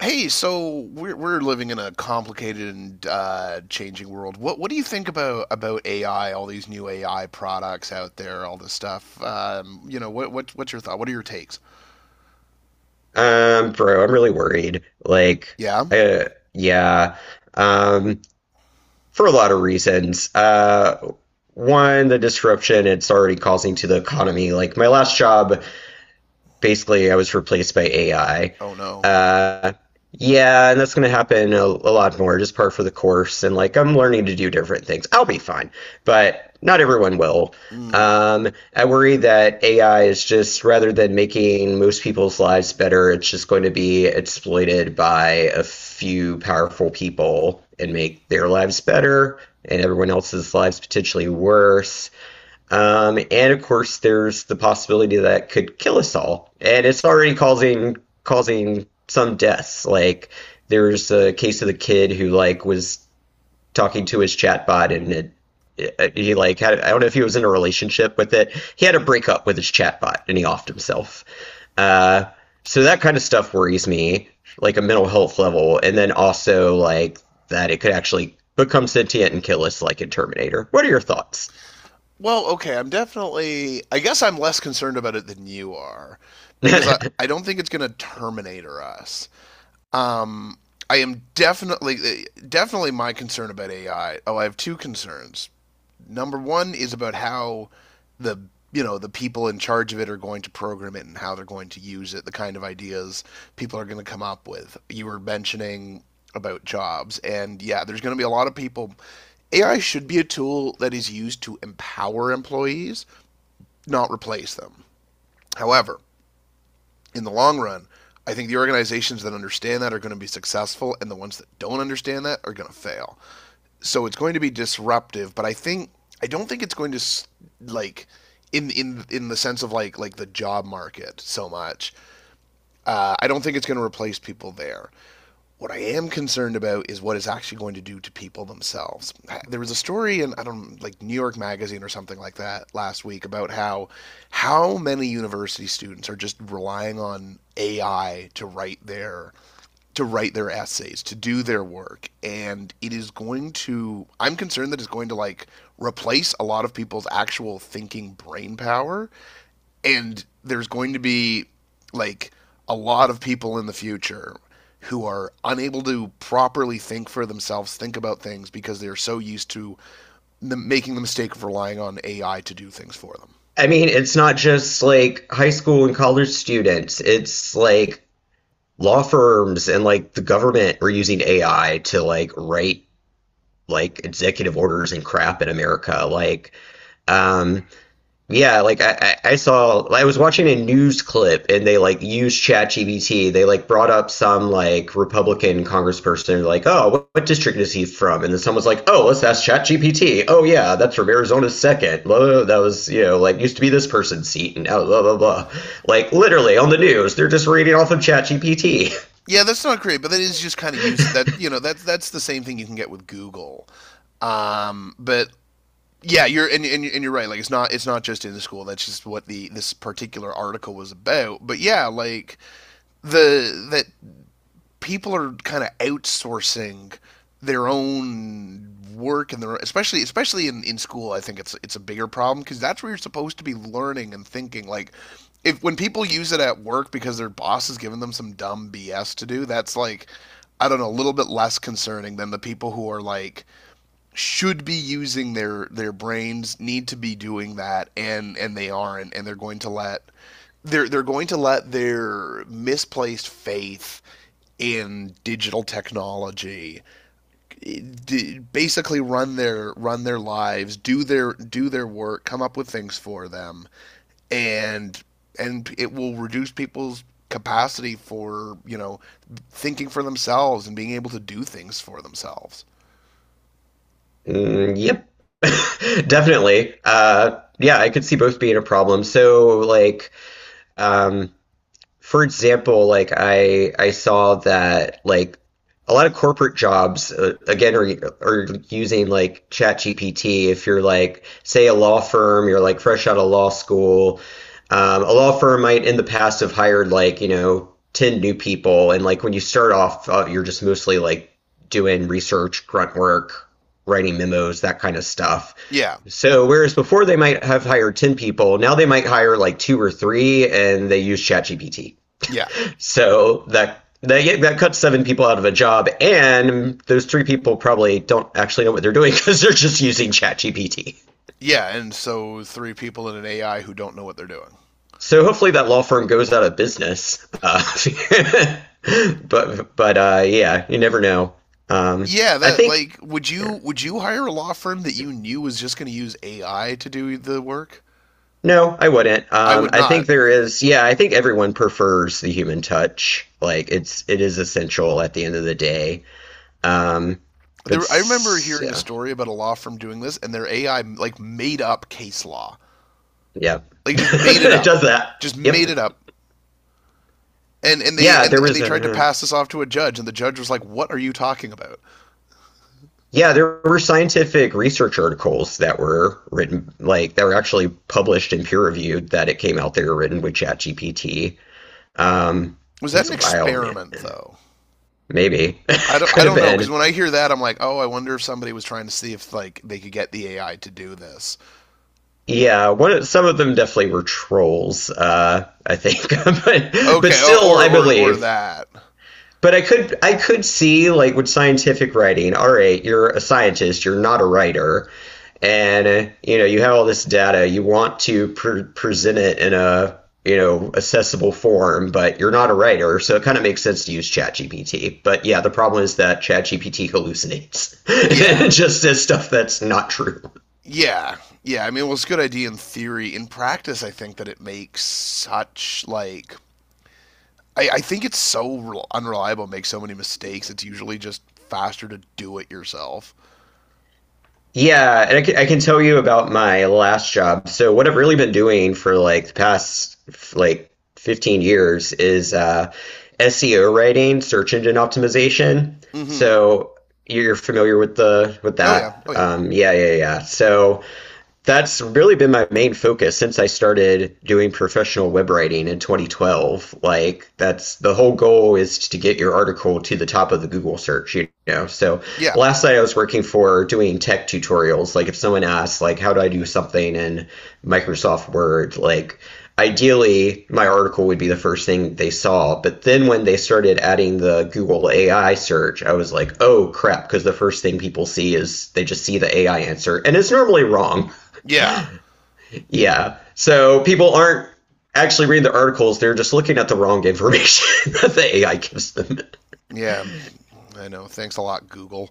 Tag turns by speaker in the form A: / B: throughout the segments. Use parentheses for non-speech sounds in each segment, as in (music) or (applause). A: Hey, so we're living in a complicated and changing world. What do you think about AI? All these new AI products out there, all this stuff. What's your thought? What are your takes?
B: Bro, I'm really worried.
A: Yeah.
B: Uh, yeah, um, for a lot of reasons. One, the disruption it's already causing to the economy. Like, my last job, basically I was replaced by AI.
A: Oh no.
B: Uh, yeah, and that's going to happen a lot more, just par for the course. And like, I'm learning to do different things. I'll be fine, but not everyone will.
A: Mm.
B: Um, I worry that AI is just rather than making most people's lives better, it's just going to be exploited by a few powerful people and make their lives better and everyone else's lives potentially worse. And of course, there's the possibility that it could kill us all, and it's already causing some deaths. Like there's a case of the kid who like was talking to his chatbot, and he like had, I don't know if he was in a relationship with it. He had a breakup with his chatbot, and he offed himself. Uh, so that kind of stuff worries me, like a mental health level, and then also like that it could actually become sentient and kill us, like in Terminator. What are your thoughts?
A: Well, okay. I'm definitely. I guess I'm less concerned about it than you are, because I
B: (laughs)
A: I don't think it's going to Terminator us. Um, I am definitely definitely my concern about AI. Oh, I have two concerns. Number one is about how the the people in charge of it are going to program it and how they're going to use it, the kind of ideas people are going to come up with. You were mentioning about jobs, and yeah, there's going to be a lot of people. AI should be a tool that is used to empower employees, not replace them. However, in the long run, I think the organizations that understand that are going to be successful, and the ones that don't understand that are going to fail, so it's going to be disruptive, but I think I don't think it's going to, like, in the sense of like the job market so much. I don't think it's going to replace people there. What I am concerned about is what it's actually going to do to people themselves. There was a story in, I don't, like, New York Magazine or something like that last week about how many university students are just relying on AI to write their essays, to do their work, and it is going to, I'm concerned that it's going to, like, replace a lot of people's actual thinking brain power and there's going to be, like, a lot of people in the future who are unable to properly think for themselves, think about things because they're so used to the, making the mistake of relying on AI to do things for them.
B: I mean, it's not just like high school and college students. It's like law firms and like the government are using AI to like write like executive orders and crap in America. Um, yeah, like I saw, I was watching a news clip and they like used ChatGPT. They like brought up some like Republican congressperson like, "Oh, what district is he from?" And then someone was like, "Oh, let's ask ChatGPT." "Oh yeah, that's from Arizona's second. Blah, blah, blah. That was, you know, like used to be this person's seat and now blah blah blah." Like literally on the news, they're just reading off of ChatGPT. (laughs)
A: Yeah, that's not great, but that is just kind of use it. That, that's the same thing you can get with Google. But yeah, you're, and you're right. Like, it's not just in the school. That's just what the this particular article was about. But yeah, like the that people are kind of outsourcing their own work and their especially in school, I think it's a bigger problem because that's where you're supposed to be learning and thinking, like if when people use it at work because their boss has given them some dumb BS to do, that's like I don't know a little bit less concerning than the people who are, like, should be using their brains, need to be doing that, and they aren't, and they're going to let they're going to let their misplaced faith in digital technology basically run their lives, do their work, come up with things for them, and and it will reduce people's capacity for, you know, thinking for themselves and being able to do things for themselves.
B: Mm, yep. (laughs) Definitely. Yeah, I could see both being a problem. Um for example, like I saw that like a lot of corporate jobs again are using like ChatGPT. If you're like say a law firm, you're like fresh out of law school. A law firm might in the past have hired like you know 10 new people, and like when you start off, you're just mostly like doing research, grunt work, writing memos, that kind of stuff.
A: yeah
B: So whereas before they might have hired 10 people, now they might hire like two or three, and they use ChatGPT.
A: yeah
B: So that yeah, that cuts seven people out of a job, and those three people probably don't actually know what they're doing (laughs) because they're just using ChatGPT.
A: Yeah, and so three people in an AI who don't know what they're doing.
B: So hopefully that law firm goes out of business. (laughs) But yeah, you never know. Um,
A: Yeah,
B: I
A: that,
B: think
A: like, would you hire a law firm that you knew was just going to use AI to do the work?
B: no, I wouldn't.
A: I would
B: I
A: not.
B: think there is. Yeah, I think everyone prefers the human touch. Like it is essential at the end of the day. Um, but
A: There, I remember hearing a
B: yeah,
A: story about a law firm doing this, and their AI like made up case law,
B: yeah, (laughs)
A: like just made it
B: it
A: up,
B: does that.
A: just
B: Yep.
A: made it up, and they
B: Yeah,
A: and
B: there
A: and
B: was
A: they tried to
B: a
A: pass this off to a judge, and the judge was like, "What are you talking about?"
B: yeah, there were scientific research articles that were written, like that were actually published and peer reviewed, that it came out they were written with ChatGPT. Um,
A: Was that
B: it's
A: an
B: wild,
A: experiment
B: man.
A: though?
B: Maybe (laughs)
A: I don't I
B: could have
A: don't know because
B: been.
A: when I hear that, I'm like, "Oh, I wonder if somebody was trying to see if like they could get the AI to do this."
B: Yeah, some of them definitely were trolls. I think, (laughs) but
A: Okay,
B: still,
A: or
B: I
A: or or,
B: believe.
A: that.
B: But I could see like with scientific writing. All right, you're a scientist. You're not a writer and you know you have all this data, you want to present it in a you know accessible form, but you're not a writer, so it kind of makes sense to use ChatGPT, but yeah, the problem is that ChatGPT hallucinates (laughs)
A: Yeah.
B: just says stuff that's not true.
A: Yeah. Yeah, I mean, well, it's a good idea in theory. In practice, I think that it makes such like I think it's so unreliable, makes so many mistakes. It's usually just faster to do it yourself.
B: Yeah, and I can tell you about my last job. So what I've really been doing for like the past 15 years is SEO writing, search engine optimization.
A: Mm-hmm.
B: So you're familiar with the with
A: Oh yeah.
B: that.
A: Oh yeah.
B: Yeah, yeah, yeah. So that's really been my main focus since I started doing professional web writing in 2012. Like that's the whole goal is to get your article to the top of the Google search, you know. So
A: Yeah.
B: last night I was working for doing tech tutorials. Like if someone asks like how do I do something in Microsoft Word, like ideally my article would be the first thing they saw, but then when they started adding the Google AI search, I was like, oh crap, because the first thing people see is they just see the AI answer and it's normally wrong.
A: Yeah.
B: Yeah. So people aren't actually reading the articles, they're just looking at the wrong information (laughs) that the AI gives them.
A: Yeah. I know. Thanks a lot, Google.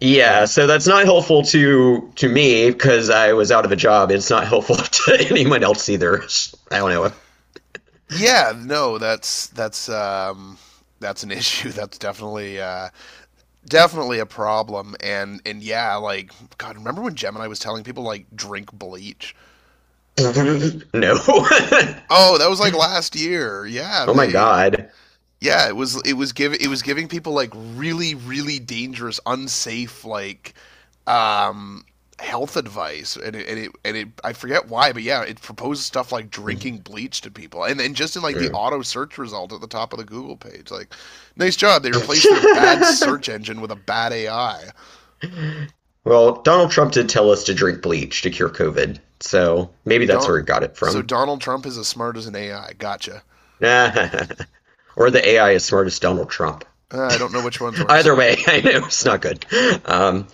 B: Yeah,
A: Uh,
B: so that's not helpful to me because I was out of a job. It's not helpful (laughs) to anyone else either. I don't
A: yeah. No, that's an (laughs) issue. That's definitely definitely a problem and yeah like god remember when Gemini was telling people like drink bleach.
B: know. (laughs) No. (laughs)
A: Oh, that was like last year. Yeah,
B: Oh my
A: they,
B: god.
A: yeah, it was give it was giving people like really really dangerous unsafe like um health advice, and it I forget why but yeah it proposes stuff like drinking bleach to people and just in like the
B: Yeah.
A: auto search result at the top of the Google page like nice job, they replaced their bad search
B: (laughs)
A: engine with a bad AI.
B: Well, Donald Trump did tell us to drink bleach to cure COVID, so maybe that's
A: Don-
B: where he got it
A: so
B: from.
A: Donald Trump is as smart as an AI. Gotcha.
B: (laughs) Or the AI is smart as Donald Trump. (laughs)
A: I don't know which one's worse.
B: Either way, I know it's not good. Um,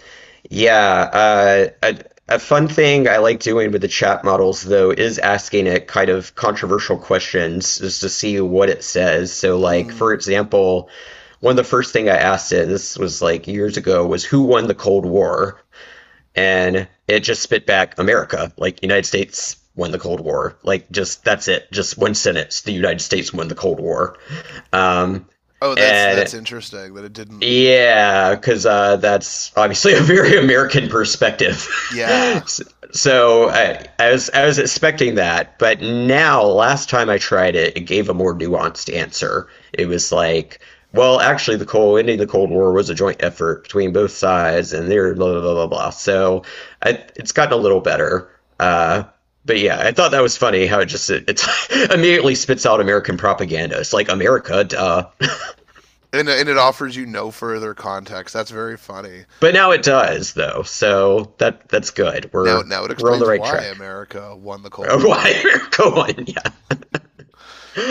B: yeah, uh, a, a fun thing I like doing with the chat models, though, is asking it kind of controversial questions just to see what it says. So, like, for
A: Mm.
B: example, one of the first thing I asked it, this was like years ago, was who won the Cold War? And it just spit back America, like United States won the Cold War, like just that's it, just one sentence, the United States won the Cold War, um,
A: Oh, that's
B: and
A: interesting that it didn't.
B: yeah, because that's obviously (laughs) a very American perspective.
A: Yeah,
B: (laughs) So I was expecting that, but now last time I tried it, it gave a more nuanced answer. It was like, well, actually, the cold ending the Cold War was a joint effort between both sides, and they're blah blah blah blah blah. So I, it's gotten a little better. Uh, but yeah, I thought that was funny how it just it, it's (laughs) immediately spits out American propaganda. It's like America, duh.
A: and it offers you no further context. That's very funny.
B: But now it does though, so that's good.
A: Now
B: We're
A: now it
B: we're on the
A: explains
B: right
A: why
B: track.
A: America won the
B: (laughs)
A: Cold War.
B: Why go on? Yeah. All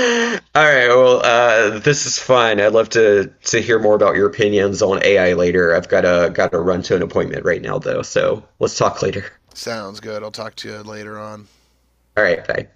B: right. Well, this is fun. I'd love to hear more about your opinions on AI later. I've got to run to an appointment right now though, so let's talk later.
A: Sounds good. I'll talk to you later on.
B: All right. Bye.